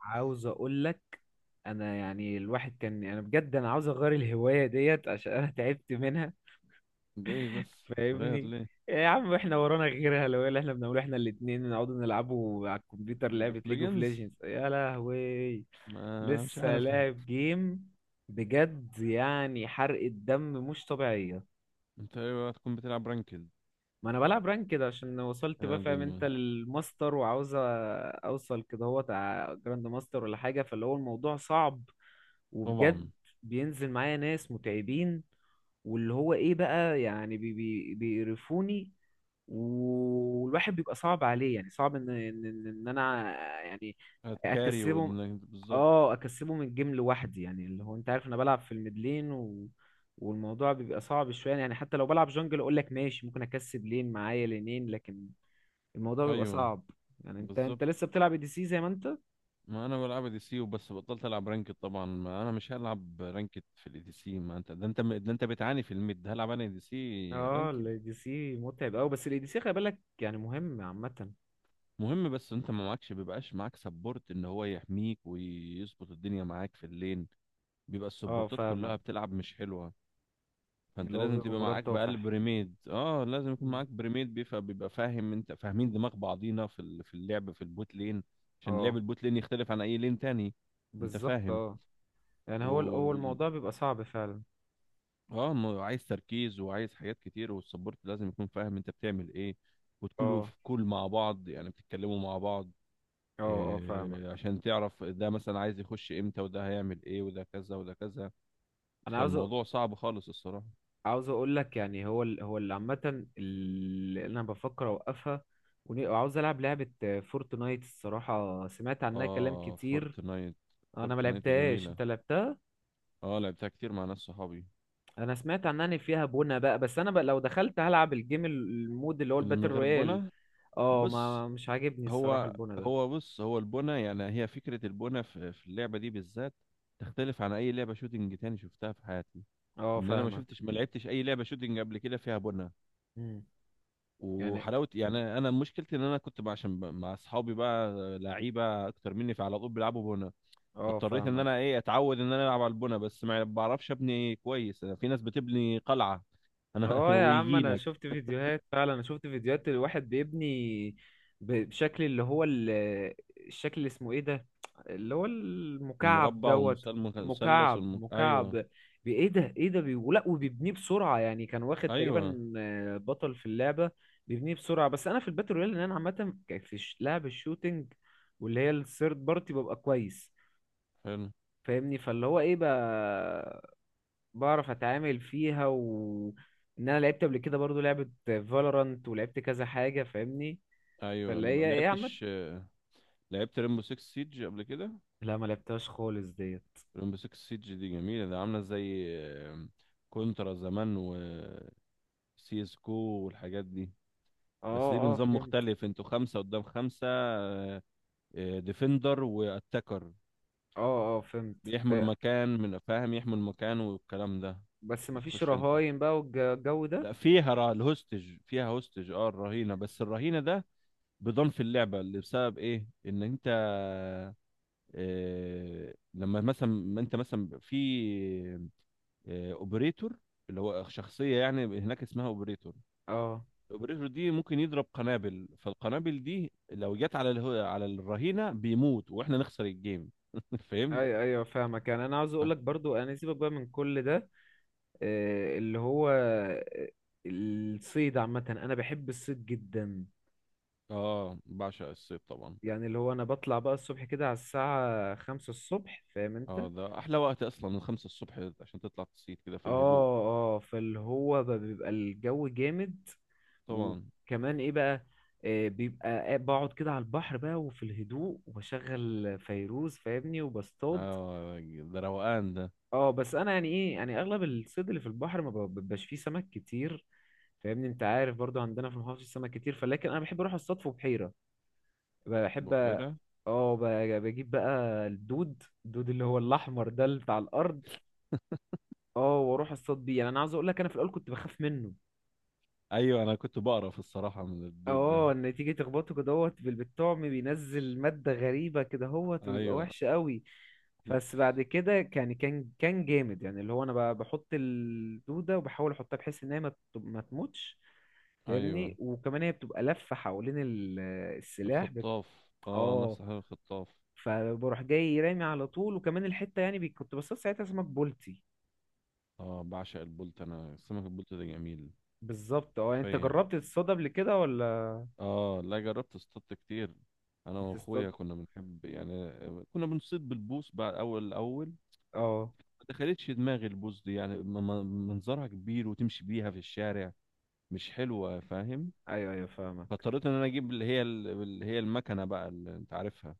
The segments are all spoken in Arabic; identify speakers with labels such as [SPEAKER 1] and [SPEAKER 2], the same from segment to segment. [SPEAKER 1] عاوز اقول لك، انا يعني الواحد كان انا بجد انا عاوز اغير الهوايه ديت عشان انا تعبت منها.
[SPEAKER 2] ليه بس تغير
[SPEAKER 1] فاهمني.
[SPEAKER 2] ليه؟
[SPEAKER 1] يا عم احنا ورانا غيرها؟ لو إيه اللي احنا بنعمله؟ احنا الاتنين نقعد نلعبوا على الكمبيوتر
[SPEAKER 2] ليج
[SPEAKER 1] لعبه
[SPEAKER 2] اوف
[SPEAKER 1] ليج اوف
[SPEAKER 2] ليجندز،
[SPEAKER 1] ليجندز يا لهوي.
[SPEAKER 2] ما مش
[SPEAKER 1] لسه
[SPEAKER 2] عارفها.
[SPEAKER 1] لاعب جيم؟ بجد يعني حرق الدم مش طبيعيه.
[SPEAKER 2] انت ايوه، هتكون بتلعب رانكد؟
[SPEAKER 1] ما انا بلعب رانك كده عشان وصلت بقى،
[SPEAKER 2] هذه
[SPEAKER 1] فاهم انت،
[SPEAKER 2] الم...
[SPEAKER 1] للماستر وعاوز اوصل كده هو جراند ماستر ولا حاجه، فاللي هو الموضوع صعب
[SPEAKER 2] طبعا.
[SPEAKER 1] وبجد. بينزل معايا ناس متعبين واللي هو ايه بقى يعني بي بي بيقرفوني. والواحد بيبقى صعب عليه يعني صعب ان ان ان إن انا يعني
[SPEAKER 2] هتكاري
[SPEAKER 1] اكسبهم.
[SPEAKER 2] وإنك- بالظبط.
[SPEAKER 1] اه اكسبه من الجيم لوحدي يعني اللي هو انت عارف انا بلعب في الميدلين و... والموضوع بيبقى صعب شويه يعني حتى لو بلعب جونجل اقول لك ماشي ممكن اكسب لين معايا لينين لكن الموضوع بيبقى
[SPEAKER 2] ايوه
[SPEAKER 1] صعب. يعني انت
[SPEAKER 2] بالظبط.
[SPEAKER 1] انت لسه بتلعب دي سي زي ما انت؟
[SPEAKER 2] ما انا بلعب دي سي وبس، بطلت العب رانكد طبعا. ما انا مش هلعب رانكد في الاي دي سي. ما انت ده، انت ده، انت بتعاني في الميد، هلعب انا دي سي
[SPEAKER 1] اه
[SPEAKER 2] رانكد؟
[SPEAKER 1] الاي دي سي متعب قوي بس الاي دي سي خلي بالك يعني مهم عامه.
[SPEAKER 2] مهم، بس انت ما معكش، بيبقاش معاك سبورت ان هو يحميك ويظبط الدنيا معاك في اللين. بيبقى
[SPEAKER 1] اه
[SPEAKER 2] السبورتات
[SPEAKER 1] فاهمك،
[SPEAKER 2] كلها بتلعب مش حلوة. فانت
[SPEAKER 1] اللي هو
[SPEAKER 2] لازم
[SPEAKER 1] بيبقى
[SPEAKER 2] تبقى
[SPEAKER 1] مرار
[SPEAKER 2] معاك بقى
[SPEAKER 1] طافح.
[SPEAKER 2] بريميد، اه لازم يكون
[SPEAKER 1] مم.
[SPEAKER 2] معاك بريميد بيفهم، بيبقى فاهم انت، فاهمين دماغ بعضينا في ال- في اللعب في البوت لين. عشان
[SPEAKER 1] اه
[SPEAKER 2] لعب البوت لين يختلف عن اي لين تاني، انت
[SPEAKER 1] بالظبط
[SPEAKER 2] فاهم؟
[SPEAKER 1] اه يعني
[SPEAKER 2] و
[SPEAKER 1] هو الموضوع بيبقى صعب فعلا.
[SPEAKER 2] اه ما هو عايز تركيز وعايز حاجات كتير، والسبورت لازم يكون فاهم انت بتعمل ايه، وتكونوا
[SPEAKER 1] اه
[SPEAKER 2] في كول مع بعض، يعني بتتكلموا مع بعض،
[SPEAKER 1] اه اه
[SPEAKER 2] إيه،
[SPEAKER 1] فاهمك.
[SPEAKER 2] عشان تعرف ده مثلا عايز يخش امتى، وده هيعمل ايه، وده كذا وده كذا.
[SPEAKER 1] انا عاوز
[SPEAKER 2] فالموضوع صعب خالص الصراحة.
[SPEAKER 1] عاوز اقول لك يعني هو اللي عامه اللي انا بفكر اوقفها. وعاوز العب لعبه فورتنايت الصراحه سمعت عنها كلام
[SPEAKER 2] اه
[SPEAKER 1] كتير.
[SPEAKER 2] فورتنايت،
[SPEAKER 1] انا ما
[SPEAKER 2] فورتنايت
[SPEAKER 1] لعبتهاش،
[SPEAKER 2] جميلة.
[SPEAKER 1] انت لعبتها؟
[SPEAKER 2] اه لعبتها كتير مع ناس صحابي.
[SPEAKER 1] انا سمعت عنها ان فيها بونة بقى، بس انا بقى لو دخلت هلعب الجيم المود اللي هو
[SPEAKER 2] اللي
[SPEAKER 1] الباتل
[SPEAKER 2] من غير
[SPEAKER 1] رويال.
[SPEAKER 2] بنا؟
[SPEAKER 1] اه
[SPEAKER 2] بص،
[SPEAKER 1] ما مش عاجبني الصراحه
[SPEAKER 2] هو
[SPEAKER 1] البونة ده.
[SPEAKER 2] هو بص، هو البنا، يعني هي فكرة البنا في اللعبة دي بالذات تختلف عن أي لعبة شوتينج تاني شفتها في حياتي.
[SPEAKER 1] اه
[SPEAKER 2] لأن أنا ما
[SPEAKER 1] فاهمك.
[SPEAKER 2] شفتش، ما لعبتش أي لعبة شوتينج قبل كده فيها بنا.
[SPEAKER 1] مم. يعني
[SPEAKER 2] وحلاوة يعني، أنا مشكلتي إن أنا كنت بقى عشان ب- مع أصحابي بقى لعيبة أكتر مني، فعلى طول بيلعبوا بنا.
[SPEAKER 1] اه
[SPEAKER 2] فاضطريت إن أنا
[SPEAKER 1] فاهمك.
[SPEAKER 2] إيه، أتعود إن أنا ألعب على البنا، بس ما بعرفش أبني كويس. أنا في ناس بتبني قلعة، أنا
[SPEAKER 1] اه يا عم انا
[SPEAKER 2] ويجيلك.
[SPEAKER 1] شفت فيديوهات فعلا، انا شفت فيديوهات الواحد بيبني بشكل اللي هو الشكل اللي اسمه ايه ده اللي هو المكعب
[SPEAKER 2] المربع
[SPEAKER 1] دوت.
[SPEAKER 2] والمثال- والمثلث
[SPEAKER 1] مكعب
[SPEAKER 2] والم...
[SPEAKER 1] مكعب
[SPEAKER 2] ايوه.
[SPEAKER 1] ايه ده ولا وبيبنيه بسرعة يعني كان واخد
[SPEAKER 2] ايوه.
[SPEAKER 1] تقريبا بطل في اللعبة. بيبنيه بسرعة، بس انا في الباتل رويال ان انا عامة في لعب الشوتينج واللي هي الثيرد بارتي ببقى كويس
[SPEAKER 2] حلو.
[SPEAKER 1] فاهمني. فاللي هو ايه بقى؟ بعرف اتعامل فيها و ان انا لعبت قبل كده برضو لعبة فالورانت ولعبت كذا حاجة فاهمني.
[SPEAKER 2] ايوه
[SPEAKER 1] فاللي
[SPEAKER 2] لما
[SPEAKER 1] هي ايه يا عم؟
[SPEAKER 2] لعبتش؟ لعبت ريمبو 6 سيج قبل كده؟
[SPEAKER 1] لا ما لعبتهاش خالص ديت.
[SPEAKER 2] ريمبو 6 سيج دي جميله، ده عامله زي كونترا زمان، و سي اس كو والحاجات دي.
[SPEAKER 1] اه
[SPEAKER 2] بس دي
[SPEAKER 1] اه
[SPEAKER 2] بنظام
[SPEAKER 1] فهمت.
[SPEAKER 2] مختلف، انتوا خمسه قدام خمسه، ديفندر واتاكر،
[SPEAKER 1] اه اه فهمت
[SPEAKER 2] بيحموا
[SPEAKER 1] إيه،
[SPEAKER 2] المكان من، فاهم، يحموا المكان والكلام ده.
[SPEAKER 1] بس ما فيش
[SPEAKER 2] بتخش انت،
[SPEAKER 1] رهاين بقى والجو ده.
[SPEAKER 2] لا فيها را... الهوستج، فيها هوستج، اه الرهينه. بس الرهينه ده بضم في اللعبه، اللي بسبب ايه، ان انت آه، لما مثلا ما انت مثلا في آه اوبريتور، اللي هو شخصيه يعني هناك اسمها اوبريتور.
[SPEAKER 1] اه
[SPEAKER 2] الاوبريتور دي ممكن يضرب قنابل، فالقنابل دي لو جت على الهو... على الرهينه بيموت واحنا نخسر الجيم فهمت.
[SPEAKER 1] اي ايوه فاهمك، يعني انا عاوز اقول لك برضو انا سيبك بقى من كل ده إيه، اللي هو الصيد عامة انا بحب الصيد جدا.
[SPEAKER 2] اه بعشق الصيد طبعا.
[SPEAKER 1] يعني اللي هو انا بطلع بقى الصبح كده على الساعة 5 الصبح فاهم انت.
[SPEAKER 2] اه ده احلى وقت اصلا، من خمسة الصبح عشان تطلع تصيد كده في
[SPEAKER 1] اه
[SPEAKER 2] الهدوء.
[SPEAKER 1] اه فاللي هو بقى بيبقى الجو جامد.
[SPEAKER 2] طبعا.
[SPEAKER 1] وكمان ايه بقى؟ بيبقى بقعد كده على البحر بقى وفي الهدوء وبشغل فيروز فاهمني وبصطاد.
[SPEAKER 2] اه ده روقان ده.
[SPEAKER 1] اه بس انا يعني ايه يعني اغلب الصيد اللي في البحر ما بيبقاش فيه سمك كتير فاهمني. انت عارف برضو عندنا في المحافظة سمك كتير فلكن انا بحب اروح اصطاد في بحيرة، بحب
[SPEAKER 2] بحيرة.
[SPEAKER 1] اه بجيب بقى الدود اللي هو الاحمر ده اللي بتاع الارض. اه واروح اصطاد بيه، يعني انا عاوز اقول لك انا في الاول كنت بخاف منه.
[SPEAKER 2] ايوه، انا كنت بقرف الصراحه من الدود ده.
[SPEAKER 1] اه ان تيجي تخبطه كده هوت بالطعم بينزل مادة غريبة كده هوت ويبقى
[SPEAKER 2] ايوه.
[SPEAKER 1] وحش قوي. بس بعد كده كان جامد يعني اللي هو انا بحط الدودة وبحاول احطها بحيث ان هي ما ما تموتش
[SPEAKER 2] ايوه
[SPEAKER 1] فاهمني. وكمان هي بتبقى لفة حوالين السلاح
[SPEAKER 2] الخطاف، اه
[SPEAKER 1] اه
[SPEAKER 2] نفس حاجه الخطاف.
[SPEAKER 1] فبروح جاي رامي على طول، وكمان الحتة يعني كنت بصطاد ساعتها سمك بولتي.
[SPEAKER 2] اه بعشق البولت، انا سمك البولت ده جميل.
[SPEAKER 1] بالظبط اه يعني انت
[SPEAKER 2] حرفيا.
[SPEAKER 1] جربت تصطاد قبل كده ولا
[SPEAKER 2] اه لا، جربت اصطاد كتير. انا
[SPEAKER 1] بتصطاد؟
[SPEAKER 2] واخويا كنا بنحب يعني، كنا بنصيد بالبوص بعد اول الاول.
[SPEAKER 1] اه
[SPEAKER 2] ما دخلتش دماغي البوص دي، يعني منظرها كبير وتمشي بيها في الشارع، مش حلوه، فاهم؟
[SPEAKER 1] ايوه ايوه فاهمك.
[SPEAKER 2] فاضطريت ان انا اجيب اللي هي ال- اللي هي المكنه بقى، اللي انت عارفها.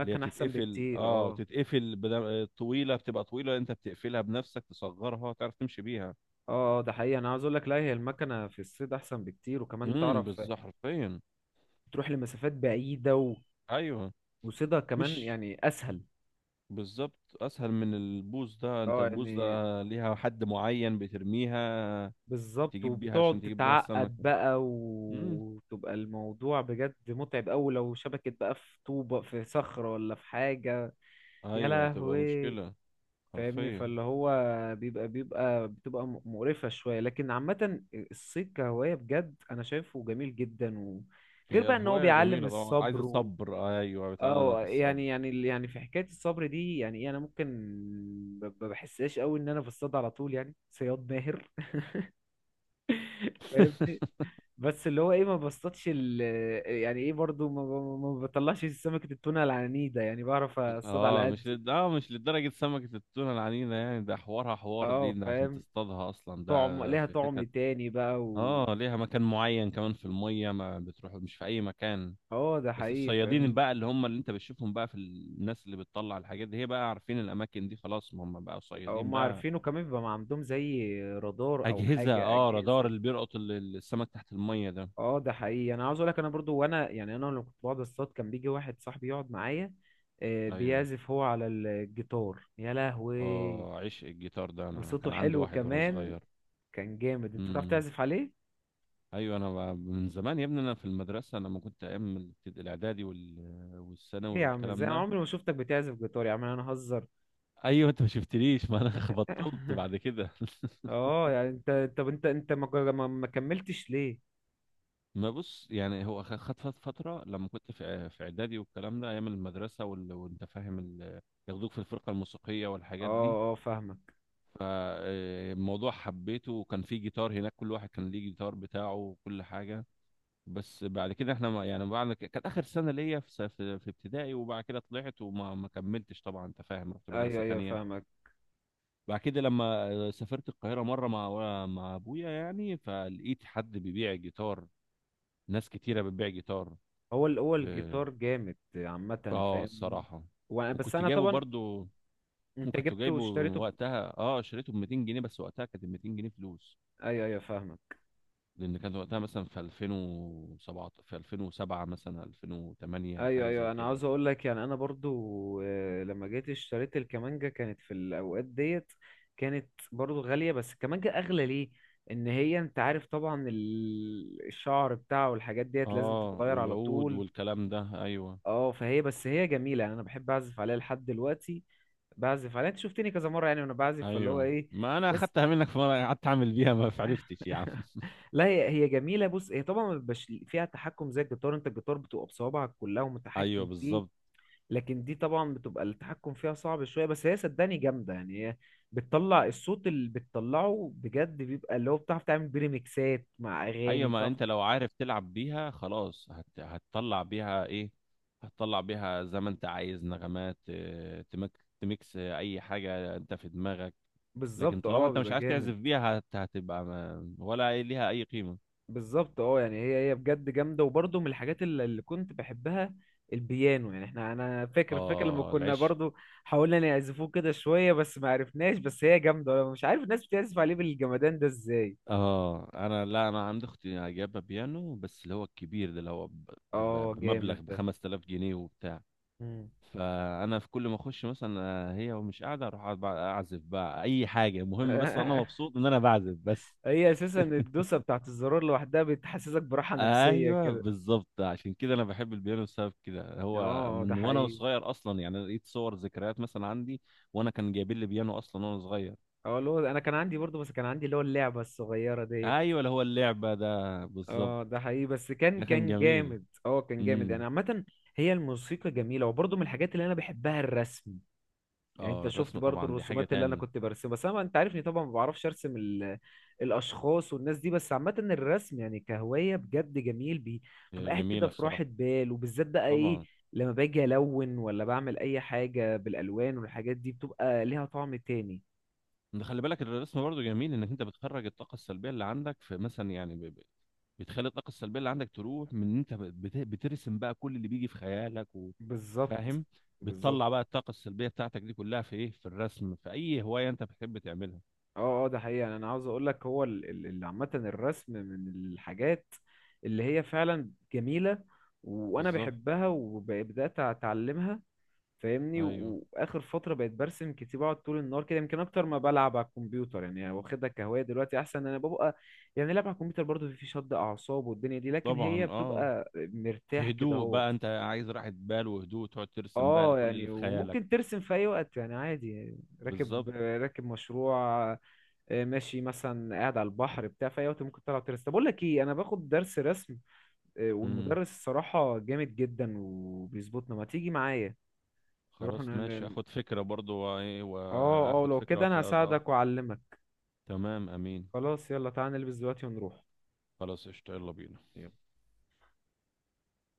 [SPEAKER 2] اللي هي
[SPEAKER 1] احسن
[SPEAKER 2] بتتقفل،
[SPEAKER 1] بكتير
[SPEAKER 2] اه
[SPEAKER 1] اه.
[SPEAKER 2] تتقفل بدا... طويله، بتبقى طويله انت بتقفلها بنفسك، تصغرها تعرف تمشي بيها.
[SPEAKER 1] اه اه ده حقيقي انا عاوز اقول لك، لا هي المكنه في الصيد احسن بكتير وكمان تعرف
[SPEAKER 2] بالظبط حرفيا.
[SPEAKER 1] تروح لمسافات بعيده و...
[SPEAKER 2] ايوه
[SPEAKER 1] وصيدها كمان
[SPEAKER 2] مش،
[SPEAKER 1] يعني اسهل.
[SPEAKER 2] بالظبط اسهل من البوز ده، انت
[SPEAKER 1] اه
[SPEAKER 2] البوز ده
[SPEAKER 1] يعني
[SPEAKER 2] ليها حد معين بترميها،
[SPEAKER 1] بالظبط،
[SPEAKER 2] تجيب بيها
[SPEAKER 1] وبتقعد
[SPEAKER 2] عشان تجيب بيها
[SPEAKER 1] تتعقد
[SPEAKER 2] السمكه.
[SPEAKER 1] بقى
[SPEAKER 2] امم
[SPEAKER 1] وتبقى الموضوع بجد متعب قوي لو شبكت بقى في طوبه في صخره ولا في حاجه. يا
[SPEAKER 2] ايوه تبقى
[SPEAKER 1] لهوي
[SPEAKER 2] مشكله.
[SPEAKER 1] فاهمني
[SPEAKER 2] حرفيا.
[SPEAKER 1] فاللي هو بيبقى بيبقى بتبقى مقرفه شويه لكن عامه الصيد كهوايه بجد انا شايفه جميل جدا و... غير
[SPEAKER 2] هي
[SPEAKER 1] بقى ان هو
[SPEAKER 2] الهوايه
[SPEAKER 1] بيعلم
[SPEAKER 2] جميله طبعا، عايزه
[SPEAKER 1] الصبر.
[SPEAKER 2] صبر، ايوه
[SPEAKER 1] اه
[SPEAKER 2] بتعلمك
[SPEAKER 1] يعني
[SPEAKER 2] الصبر.
[SPEAKER 1] يعني يعني في حكايه الصبر دي يعني ايه انا ممكن ما بحسهاش قوي ان انا بصطاد على طول، يعني صياد ماهر فاهمني، بس اللي هو ايه ما بصطادش ال يعني ايه برضو ما بطلعش سمكه التونه العنيده يعني بعرف اصطاد على
[SPEAKER 2] اه مش
[SPEAKER 1] قدي.
[SPEAKER 2] لد... اه مش لدرجة سمكة التونة العنينة، يعني ده حوارها حوار
[SPEAKER 1] اه
[SPEAKER 2] دي، ده عشان
[SPEAKER 1] فاهم،
[SPEAKER 2] تصطادها اصلا
[SPEAKER 1] طعم
[SPEAKER 2] ده
[SPEAKER 1] ليها
[SPEAKER 2] في
[SPEAKER 1] طعم
[SPEAKER 2] حتت.
[SPEAKER 1] تاني بقى و
[SPEAKER 2] اه ليها مكان معين كمان في المية، ما بتروح مش في اي مكان.
[SPEAKER 1] اه ده
[SPEAKER 2] بس
[SPEAKER 1] حقيقي
[SPEAKER 2] الصيادين
[SPEAKER 1] فاهم.
[SPEAKER 2] بقى، اللي هم اللي انت بتشوفهم بقى في ال- الناس اللي بتطلع الحاجات دي، هي بقى عارفين الاماكن دي خلاص، ما هم بقى صيادين
[SPEAKER 1] هم
[SPEAKER 2] بقى.
[SPEAKER 1] عارفينه كمان بيبقى ما عندهم زي رادار او
[SPEAKER 2] اجهزة،
[SPEAKER 1] حاجه
[SPEAKER 2] اه رادار،
[SPEAKER 1] اجهزه.
[SPEAKER 2] اللي بيلقط السمك تحت المية ده.
[SPEAKER 1] اه ده حقيقي انا عاوز اقول لك انا برضو وانا يعني انا لما كنت بقعد اصطاد كان بيجي واحد صاحبي يقعد معايا
[SPEAKER 2] ايوه.
[SPEAKER 1] بيعزف هو على الجيتار يا لهوي.
[SPEAKER 2] اه عشق الجيتار ده، انا
[SPEAKER 1] وصوته
[SPEAKER 2] كان عندي
[SPEAKER 1] حلو
[SPEAKER 2] واحد وانا
[SPEAKER 1] كمان،
[SPEAKER 2] صغير.
[SPEAKER 1] كان جامد، انت بتعرف
[SPEAKER 2] امم
[SPEAKER 1] تعزف عليه؟
[SPEAKER 2] ايوه انا ب- من زمان يا ابني، انا في المدرسه انا ما كنت ايام الابتد- الاعدادي وال... والثانوي
[SPEAKER 1] ايه يا عم؟ ازاي
[SPEAKER 2] والكلام
[SPEAKER 1] انا
[SPEAKER 2] ده.
[SPEAKER 1] عمري ما شفتك بتعزف جيتار يا عم انا هزر
[SPEAKER 2] ايوه انت ما شفتنيش، ما انا بطلت بعد كده
[SPEAKER 1] اه يعني انت طب انت ما كملتش ليه؟
[SPEAKER 2] ما بص، يعني هو خ- خد فت- فتره لما كنت في إع- في اعدادي والكلام ده، ايام المدرسه وال... وانت فاهم ال... ياخدوك في الفرقه الموسيقيه
[SPEAKER 1] اه
[SPEAKER 2] والحاجات دي.
[SPEAKER 1] اه فاهمك.
[SPEAKER 2] فالموضوع حبيته، وكان في جيتار هناك، كل واحد كان ليه جيتار بتاعه وكل حاجه. بس بعد كده احنا ما يعني، بعد ك- كانت اخر سنه ليا في س- في ابتدائي، وبعد كده طلعت وما ما كملتش طبعا، انت فاهم، رحت
[SPEAKER 1] ايوه
[SPEAKER 2] مدرسه
[SPEAKER 1] ايوه
[SPEAKER 2] تانية.
[SPEAKER 1] فاهمك.
[SPEAKER 2] بعد كده لما آه، سافرت القاهره مره مع مع ابويا يعني، فلقيت حد بيبيع جيتار، ناس كتيره بتبيع جيتار.
[SPEAKER 1] هو
[SPEAKER 2] ف-
[SPEAKER 1] الجيتار جامد عامه
[SPEAKER 2] اه
[SPEAKER 1] فاهمني.
[SPEAKER 2] الصراحه،
[SPEAKER 1] وانا بس
[SPEAKER 2] وكنت
[SPEAKER 1] انا
[SPEAKER 2] جايبه
[SPEAKER 1] طبعا
[SPEAKER 2] برضو،
[SPEAKER 1] انت
[SPEAKER 2] وكنت
[SPEAKER 1] جبته
[SPEAKER 2] جايبه
[SPEAKER 1] واشتريته
[SPEAKER 2] وقتها. اه شريته ب 200 جنيه بس، وقتها كانت ال 200 جنيه فلوس.
[SPEAKER 1] ايوه ايوه فاهمك.
[SPEAKER 2] لان كان وقتها مثلا في 2007، في 2007 مثلا 2008
[SPEAKER 1] ايوه
[SPEAKER 2] حاجه زي
[SPEAKER 1] ايوه انا
[SPEAKER 2] كده.
[SPEAKER 1] عاوز اقول لك يعني انا برضو لما جيت اشتريت الكمانجا كانت في الاوقات ديت كانت برضو غاليه، بس الكمانجا اغلى ليه ان هي انت عارف طبعا الشعر بتاعه والحاجات ديت لازم
[SPEAKER 2] اه
[SPEAKER 1] تتغير على
[SPEAKER 2] والعود
[SPEAKER 1] طول.
[SPEAKER 2] والكلام ده. ايوه
[SPEAKER 1] اه فهي بس هي جميله يعني انا بحب اعزف عليها لحد دلوقتي، بعزف عليها انت شفتني كذا مره يعني وانا بعزف فاللي هو
[SPEAKER 2] ايوه،
[SPEAKER 1] ايه.
[SPEAKER 2] ما انا
[SPEAKER 1] بس
[SPEAKER 2] اخدتها منك في مره، قعدت اعمل بيها ما عرفتش يا عم.
[SPEAKER 1] لا هي جميله، بص هي طبعا ما بيبقاش فيها تحكم زي الجيتار، انت الجيتار بتبقى بصوابعك كلها
[SPEAKER 2] ايوه
[SPEAKER 1] ومتحكم فيه.
[SPEAKER 2] بالظبط.
[SPEAKER 1] لكن دي طبعا بتبقى التحكم فيها صعب شويه، بس هي صدقني جامده يعني هي بتطلع الصوت اللي بتطلعه بجد بيبقى اللي هو بتعرف تعمل بيه ريميكسات مع اغاني
[SPEAKER 2] ايوه ما
[SPEAKER 1] بتعرف.
[SPEAKER 2] انت لو عارف تلعب بيها خلاص هت... هتطلع بيها ايه، هتطلع بيها زي ما انت عايز نغمات آه، تمك... تميكس آه، اي حاجه انت في دماغك. لكن
[SPEAKER 1] بالظبط
[SPEAKER 2] طالما
[SPEAKER 1] اه
[SPEAKER 2] انت مش
[SPEAKER 1] بيبقى
[SPEAKER 2] عارف
[SPEAKER 1] جامد.
[SPEAKER 2] تعزف بيها هت... هتبقى ما... ولا أي- ليها اي قيمه.
[SPEAKER 1] بالظبط اه يعني هي بجد جامده وبرضه من الحاجات اللي كنت بحبها البيانو. يعني احنا انا فاكر لما
[SPEAKER 2] اه
[SPEAKER 1] كنا
[SPEAKER 2] العش.
[SPEAKER 1] برضه حاولنا نعزفوه كده شويه بس ما عرفناش، بس هي جامده انا مش عارف الناس بتعزف عليه بالجمدان ده ازاي.
[SPEAKER 2] اه انا لا، انا عندي اختي جايبه بيانو بس، اللي هو الكبير ده، اللي هو
[SPEAKER 1] اه جامد
[SPEAKER 2] بمبلغ ب
[SPEAKER 1] ده.
[SPEAKER 2] 5000 جنيه وبتاع.
[SPEAKER 1] مم.
[SPEAKER 2] فانا في كل ما اخش مثلا آه، هي ومش قاعده، اروح أقعد بقى اعزف بقى اي حاجه، المهم بس انا مبسوط ان انا بعزف بس.
[SPEAKER 1] هي اساسا الدوسه بتاعت الزرار لوحدها بتحسسك براحه نفسيه
[SPEAKER 2] ايوه
[SPEAKER 1] كده.
[SPEAKER 2] بالظبط، عشان كده انا بحب البيانو بسبب كده، هو
[SPEAKER 1] اه ده
[SPEAKER 2] من وانا
[SPEAKER 1] حقيقي.
[SPEAKER 2] صغير اصلا، يعني لقيت صور ذكريات مثلا عندي، وانا كان جايبين لي بيانو اصلا وانا صغير.
[SPEAKER 1] اه اللي هو انا كان عندي برضو، بس كان عندي اللي هو اللعبه الصغيره ديت.
[SPEAKER 2] ايوه اللي هو اللعبه ده بالظبط.
[SPEAKER 1] اه ده حقيقي، بس كان
[SPEAKER 2] ده كان
[SPEAKER 1] كان
[SPEAKER 2] جميل.
[SPEAKER 1] جامد اه كان جامد يعني
[SPEAKER 2] امم
[SPEAKER 1] عامه. هي الموسيقى جميله وبرضو من الحاجات اللي انا بحبها الرسم. يعني انت
[SPEAKER 2] اه
[SPEAKER 1] شفت
[SPEAKER 2] الرسم
[SPEAKER 1] برضو
[SPEAKER 2] طبعا دي حاجه
[SPEAKER 1] الرسومات اللي انا
[SPEAKER 2] تاني.
[SPEAKER 1] كنت برسمها، بس انا انت عارفني طبعا ما بعرفش ارسم ال... الاشخاص والناس دي، بس عامه الرسم يعني كهوايه بجد جميل بتبقى قاعد كده
[SPEAKER 2] جميلة
[SPEAKER 1] في راحه
[SPEAKER 2] الصراحة.
[SPEAKER 1] بال وبالذات بقى ايه،
[SPEAKER 2] طبعا.
[SPEAKER 1] لما باجي الون ولا بعمل اي حاجه بالالوان والحاجات دي بتبقى ليها طعم تاني.
[SPEAKER 2] انت خلي بالك الرسم برضه جميل، انك انت بتخرج الطاقة السلبية اللي عندك في مثلا يعني ب- ب- بتخلي الطاقة السلبية اللي عندك تروح من ان انت بت- بترسم بقى كل اللي بيجي في خيالك و-
[SPEAKER 1] بالظبط.
[SPEAKER 2] فاهم؟
[SPEAKER 1] بالظبط
[SPEAKER 2] بتطلع بقى الطاقة السلبية بتاعتك دي كلها في ايه، في الرسم، في اي هواية انت بتحب تعملها.
[SPEAKER 1] اه اه ده حقيقي يعني انا عاوز اقول لك هو عامه الرسم من الحاجات اللي هي فعلا جميله وانا
[SPEAKER 2] بالظبط.
[SPEAKER 1] بحبها وبدات اتعلمها فاهمني،
[SPEAKER 2] ايوه
[SPEAKER 1] واخر فتره بقيت برسم كتير بقعد طول النهار كده يمكن اكتر ما بلعب على الكمبيوتر يعني واخدها كهوايه دلوقتي احسن إن انا ببقى. يعني لعب على الكمبيوتر برضه في شد اعصاب والدنيا دي، لكن هي
[SPEAKER 2] طبعا. اه
[SPEAKER 1] بتبقى
[SPEAKER 2] في
[SPEAKER 1] مرتاح كده
[SPEAKER 2] هدوء
[SPEAKER 1] اهوت.
[SPEAKER 2] بقى، انت عايز راحة بال وهدوء، تقعد ترسم بقى
[SPEAKER 1] اه
[SPEAKER 2] كل اللي
[SPEAKER 1] يعني
[SPEAKER 2] في خيالك.
[SPEAKER 1] وممكن ترسم في اي وقت يعني عادي يعني راكب
[SPEAKER 2] بالظبط.
[SPEAKER 1] راكب مشروع ماشي مثلا قاعد على البحر بتاع في اي وقت ممكن تطلع ترسم، طب اقول لك ايه، انا باخد درس رسم
[SPEAKER 2] امم
[SPEAKER 1] والمدرس الصراحه جامد جدا وبيظبطنا، ما تيجي معايا، نروح
[SPEAKER 2] خلاص ماشي،
[SPEAKER 1] ن-
[SPEAKER 2] اخد فكرة برضو، وايه
[SPEAKER 1] اه اه
[SPEAKER 2] واخد
[SPEAKER 1] لو كده
[SPEAKER 2] فكرة.
[SPEAKER 1] انا هساعدك واعلمك.
[SPEAKER 2] تمام امين.
[SPEAKER 1] خلاص يلا تعالى نلبس دلوقتي ونروح.
[SPEAKER 2] خلاص قشطة، يلا بينا.
[SPEAKER 1] يلا.